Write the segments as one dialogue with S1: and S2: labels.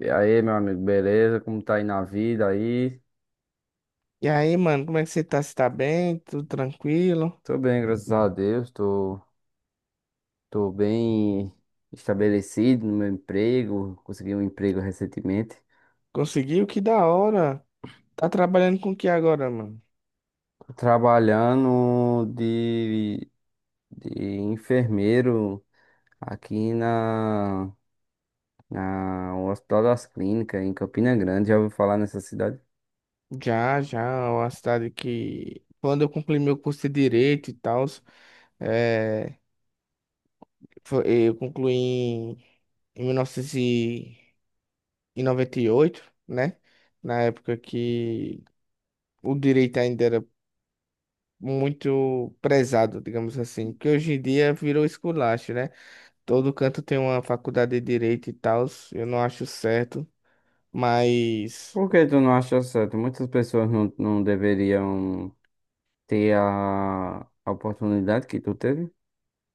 S1: E aí, meu amigo, beleza? Como tá aí na vida aí?
S2: E aí, mano, como é que você tá? Você tá bem? Tudo tranquilo?
S1: Tô bem, graças a Deus. Tô bem estabelecido no meu emprego. Consegui um emprego recentemente.
S2: Conseguiu? Que da hora! Tá trabalhando com o que agora, mano?
S1: Tô trabalhando de enfermeiro aqui na o Hospital das Clínicas, em Campina Grande. Já ouviu falar nessa cidade?
S2: Já, já, é uma cidade que... Quando eu concluí meu curso de Direito e tal, é... eu concluí em 1998, né? Na época que o direito ainda era muito prezado, digamos assim, que hoje em dia virou esculacho, né? Todo canto tem uma faculdade de direito e tal, eu não acho certo. Mas,
S1: Por que tu não acha certo? Muitas pessoas não deveriam ter a oportunidade que tu teve.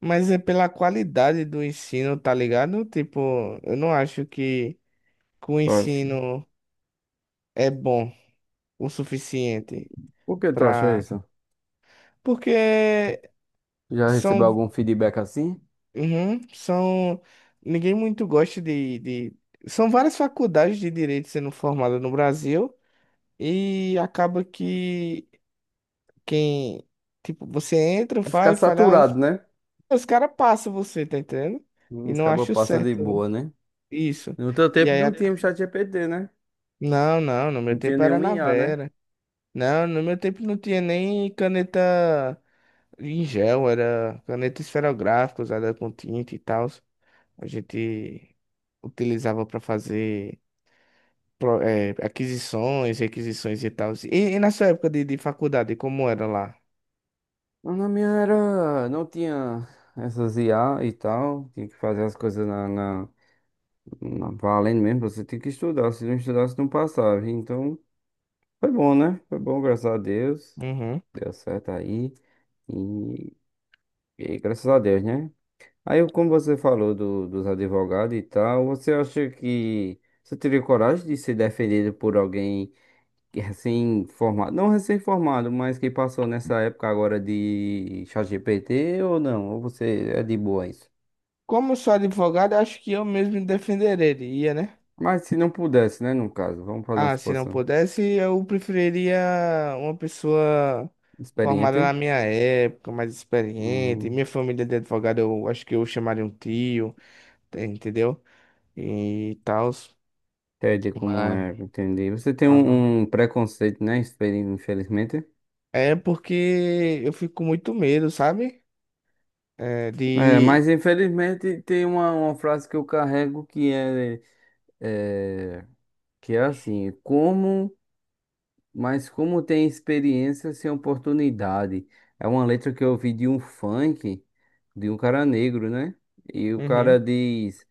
S2: mas, é pela qualidade do ensino, tá ligado? Tipo, eu não acho que o
S1: Tu acha-
S2: ensino é bom o suficiente
S1: Por que tu acha
S2: pra.
S1: isso?
S2: Porque
S1: Já
S2: são,
S1: recebeu algum feedback assim?
S2: uhum, são, ninguém muito gosta de, são várias faculdades de direito sendo formadas no Brasil e acaba que quem, tipo, você entra,
S1: Vai ficar
S2: faz, fala, ah,
S1: saturado,
S2: os,
S1: né?
S2: os caras passam você, tá entendendo?
S1: Hum.
S2: E não
S1: Acaba
S2: acho
S1: passa de
S2: certo
S1: boa, né?
S2: isso.
S1: No teu
S2: E
S1: tempo
S2: aí,
S1: não tinha o ChatGPT, né?
S2: não, não, no
S1: Não
S2: meu
S1: tinha
S2: tempo era
S1: nenhum
S2: na
S1: IA, né?
S2: Vera. Não, no meu tempo não tinha nem caneta em gel, era caneta esferográfica usada com tinta e tal. A gente utilizava para fazer aquisições, requisições e tal. E na sua época de faculdade, como era lá?
S1: Mas na minha era não tinha essas IA e tal. Tinha que fazer as coisas valendo mesmo. Você tinha que estudar. Se não estudasse, não passava. Então, foi bom, né? Foi bom, graças a Deus.
S2: Uhum.
S1: Deu certo aí. E, e graças a Deus, né? Aí, como você falou dos advogados e tal, você acha que você teria coragem de ser defendido por alguém que é recém-formado? Não recém-formado, mas que passou nessa época agora de ChatGPT ou não? Ou você é de boa isso?
S2: Como eu sou advogado, eu acho que eu mesmo me defenderia, né?
S1: Mas se não pudesse, né, no caso, vamos fazer uma
S2: Ah, se não
S1: suposição.
S2: pudesse, eu preferiria uma pessoa formada na
S1: Experiente?
S2: minha época, mais experiente.
S1: Hum,
S2: Minha família de advogado, eu acho que eu chamaria um tio, entendeu? E tal.
S1: entendi como
S2: Mas,
S1: é, entendi. Você tem
S2: ah,
S1: um preconceito, né, infelizmente.
S2: é porque eu fico com muito medo, sabe? É,
S1: É,
S2: de.
S1: mas infelizmente tem uma frase que eu carrego que é... É. Que é assim, como, mas como tem experiência sem oportunidade. É uma letra que eu ouvi de um funk, de um cara negro, né? E o cara
S2: Uhum,
S1: diz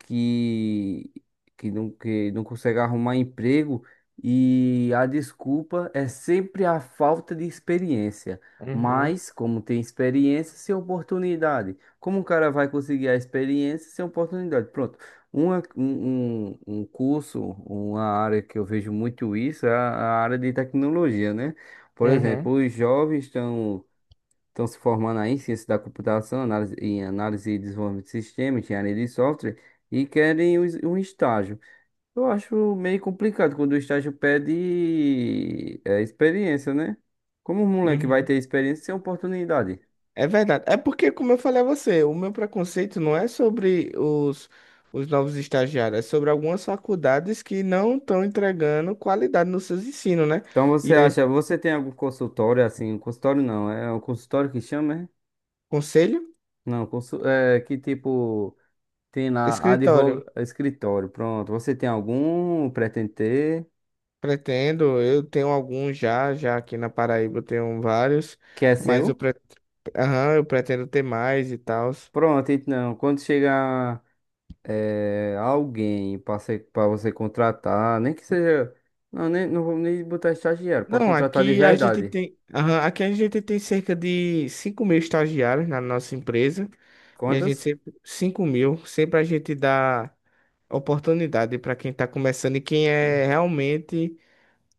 S1: que, não, que não consegue arrumar emprego e a desculpa é sempre a falta de experiência.
S2: uhum,
S1: Mas, como tem experiência, sem oportunidade. Como o cara vai conseguir a experiência sem oportunidade? Pronto. Uma, um, um um curso, uma área que eu vejo muito isso é a área de tecnologia, né? Por
S2: uhum,
S1: exemplo, os jovens estão se formando aí em ciência da computação, análise, em análise e desenvolvimento de sistema, engenharia de software, e querem um estágio. Eu acho meio complicado quando o estágio pede experiência, né? Como um moleque vai
S2: uhum.
S1: ter experiência sem oportunidade?
S2: É verdade. É porque, como eu falei a você, o meu preconceito não é sobre os novos estagiários, é sobre algumas faculdades que não estão entregando qualidade nos seus ensinos, né?
S1: Então
S2: E aí,
S1: você tem algum consultório assim? Um consultório não, é um consultório que chama, é?
S2: conselho?
S1: Não, é que tipo tem lá
S2: Escritório.
S1: advogado escritório, pronto. Você tem algum? Pretende ter?
S2: Pretendo, eu tenho alguns já, já aqui na Paraíba eu tenho vários,
S1: Que é
S2: mas eu,
S1: seu?
S2: pre... Aham, eu pretendo ter mais e tal.
S1: Pronto, então, quando chegar alguém para você contratar, nem que seja. Não, nem, não vou nem botar estagiário, para
S2: Não,
S1: contratar de verdade.
S2: aqui a gente tem cerca de 5 mil estagiários na nossa empresa e a gente
S1: Quantas?
S2: sempre, 5 mil, sempre a gente dá oportunidade para quem está começando e quem é realmente,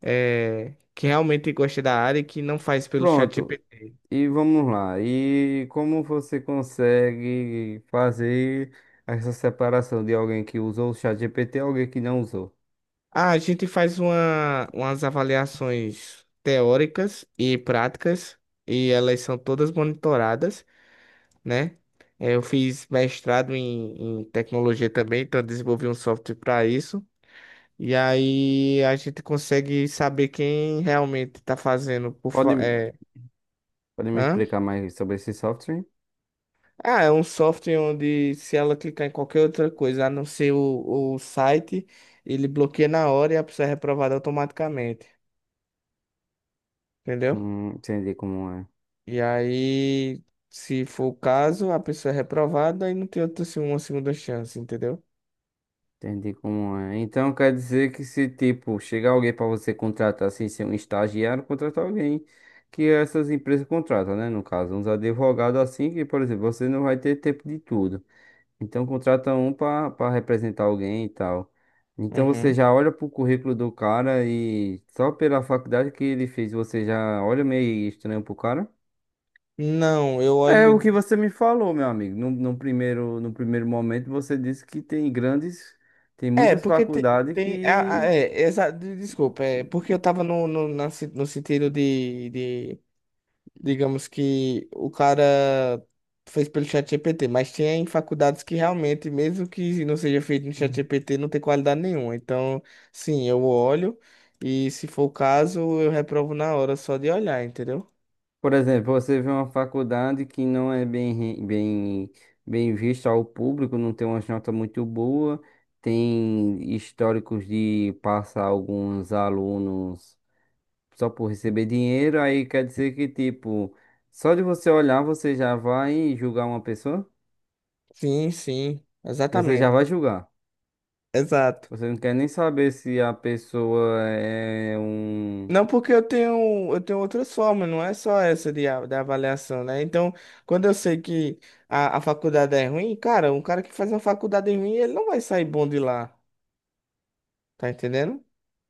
S2: que realmente gosta da área e que não faz pelo
S1: Pronto.
S2: ChatGPT.
S1: E vamos lá. E como você consegue fazer essa separação de alguém que usou o ChatGPT e alguém que não usou?
S2: Ah, a gente faz umas avaliações teóricas e práticas e elas são todas monitoradas, né? Eu fiz mestrado em tecnologia também, então eu desenvolvi um software para isso. E aí a gente consegue saber quem realmente está fazendo
S1: Pode, pode me
S2: hã?
S1: explicar mais sobre esse software?
S2: Ah, é um software onde se ela clicar em qualquer outra coisa, a não ser o site, ele bloqueia na hora e a pessoa é reprovada automaticamente, entendeu?
S1: Entendi como é.
S2: E aí, se for o caso, a pessoa é reprovada e não tem outra, uma segunda chance, entendeu?
S1: Entendi como é. Então quer dizer que se tipo chegar alguém para você contratar sem ser um estagiário, contratar alguém que essas empresas contratam, né? No caso, uns advogados assim que, por exemplo, você não vai ter tempo de tudo. Então contrata um para representar alguém e tal. Então você
S2: Uhum.
S1: já olha pro currículo do cara e só pela faculdade que ele fez, você já olha meio estranho pro cara.
S2: Não, eu
S1: É o
S2: olho.
S1: que você me falou, meu amigo. No primeiro momento, você disse que tem grandes, tem
S2: É,
S1: muitas
S2: porque te-
S1: faculdades
S2: tem.
S1: que...
S2: Desculpa, é porque eu tava no, no, na se- no sentido de. Digamos que o cara fez pelo ChatGPT, mas tem faculdades que realmente, mesmo que não seja feito no
S1: Hum.
S2: ChatGPT, não tem qualidade nenhuma. Então, sim, eu olho e, se for o caso, eu reprovo na hora só de olhar, entendeu?
S1: Por exemplo, você vê uma faculdade que não é bem vista ao público, não tem uma nota muito boa, tem históricos de passar alguns alunos só por receber dinheiro, aí quer dizer que, tipo, só de você olhar, você já vai julgar uma pessoa?
S2: Sim, sim,
S1: Você já
S2: exatamente.
S1: vai julgar.
S2: Exato.
S1: Você não quer nem saber se a pessoa é um.
S2: Não, porque eu tenho outras formas, não é só essa da avaliação, né? Então, quando eu sei que a faculdade é ruim, cara, um cara que faz uma faculdade ruim, ele não vai sair bom de lá, tá entendendo?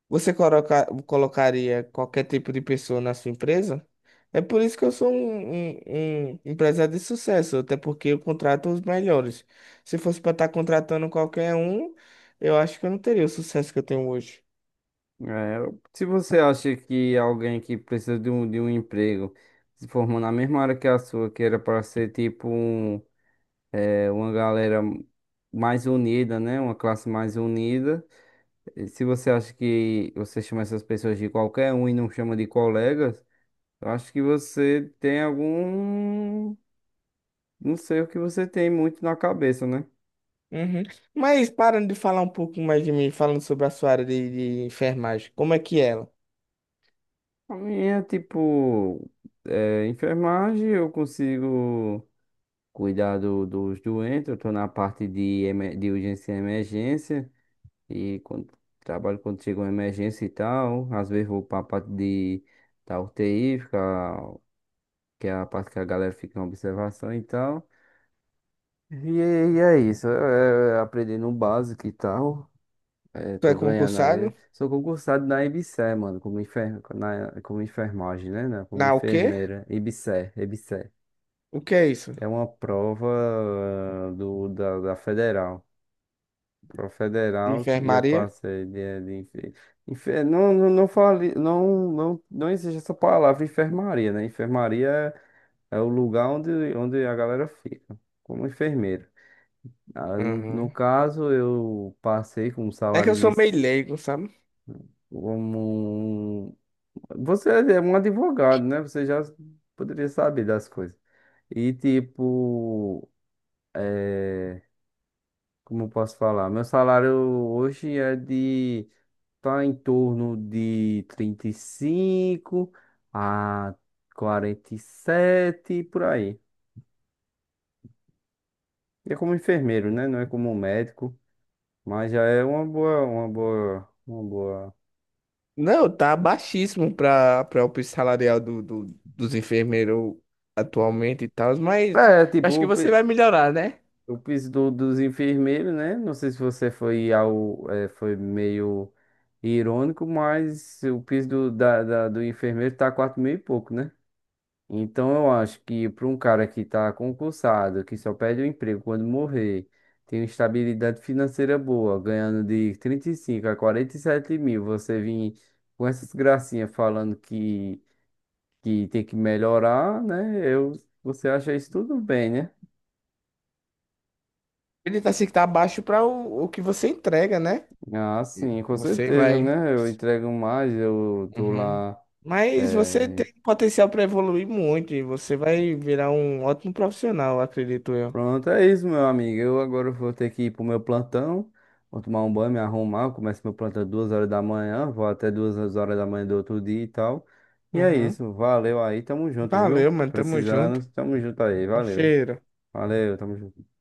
S2: Você colocaria qualquer tipo de pessoa na sua empresa? É por isso que eu sou um empresário de sucesso, até porque eu contrato os melhores. Se fosse para estar contratando qualquer um, eu acho que eu não teria o sucesso que eu tenho hoje.
S1: é, Se você acha que alguém que precisa de um emprego se formou na mesma área que a sua, que era para ser tipo um, uma galera mais unida, né? Uma classe mais unida. E se você acha que você chama essas pessoas de qualquer um e não chama de colegas, eu acho que você tem algum. Não sei o que você tem muito na cabeça, né?
S2: Uhum. Mas parando de falar um pouco mais de mim, falando sobre a sua área de enfermagem, como é que é ela?
S1: A minha, tipo, enfermagem, eu consigo cuidar dos doentes, eu tô na parte de urgência e emergência, e trabalho quando chega uma emergência e tal, às vezes vou pra parte da UTI, fica, que é a parte que a galera fica em observação e tal. E, é isso, aprendendo o básico e tal. É,
S2: Tu é
S1: tô ganhando aí.
S2: concursado?
S1: Sou concursado na IBSER, mano, como enfermagem, né? Não, como
S2: Na o quê?
S1: enfermeira. IBSER, IBSER.
S2: O que é isso?
S1: É uma prova da federal. Prova
S2: De
S1: federal que eu
S2: enfermaria?
S1: passei de. Não, não, não fale, não, não, não existe essa palavra enfermaria, né? Enfermaria é o lugar onde a galera fica, como enfermeiro. No
S2: Uhum.
S1: caso, eu passei com um
S2: É que
S1: salário
S2: eu sou meio
S1: inicial.
S2: leigo, sabe?
S1: Você é um advogado, né? Você já poderia saber das coisas. E tipo, é, como eu posso falar? Meu salário hoje tá em torno de 35 a 47 por aí. E é como enfermeiro, né? Não é como médico, mas já é uma boa, uma boa, uma boa.
S2: Não, tá baixíssimo pra o salarial dos enfermeiros atualmente e tal, mas
S1: É,
S2: acho que
S1: tipo,
S2: você vai melhorar, né?
S1: o piso dos enfermeiros, né? Não sei se você foi foi meio irônico, mas o piso do do enfermeiro tá 4 mil e pouco, né? Então eu acho que para um cara que tá concursado, que só perde o emprego quando morrer, tem uma estabilidade financeira boa, ganhando de 35 a 47 mil, você vir com essas gracinhas falando que tem que melhorar, né? Você acha isso tudo bem, né?
S2: Ele tá assim que tá baixo pra o que você entrega, né?
S1: Ah, sim, com
S2: Você
S1: certeza,
S2: vai.
S1: né? Eu entrego mais, eu tô
S2: Uhum.
S1: lá.
S2: Mas você
S1: é,
S2: tem potencial para evoluir muito e você vai virar um ótimo profissional, acredito eu.
S1: Pronto, é isso, meu amigo. Eu agora vou ter que ir pro meu plantão. Vou tomar um banho, me arrumar. Eu começo meu plantão 2 horas da manhã. Vou até 2 horas da manhã do outro dia e tal. E é
S2: Uhum.
S1: isso. Valeu aí, tamo junto, viu?
S2: Valeu, mano. Tamo junto.
S1: Precisando, tamo junto aí.
S2: Um
S1: Valeu.
S2: cheiro.
S1: Valeu, tamo junto.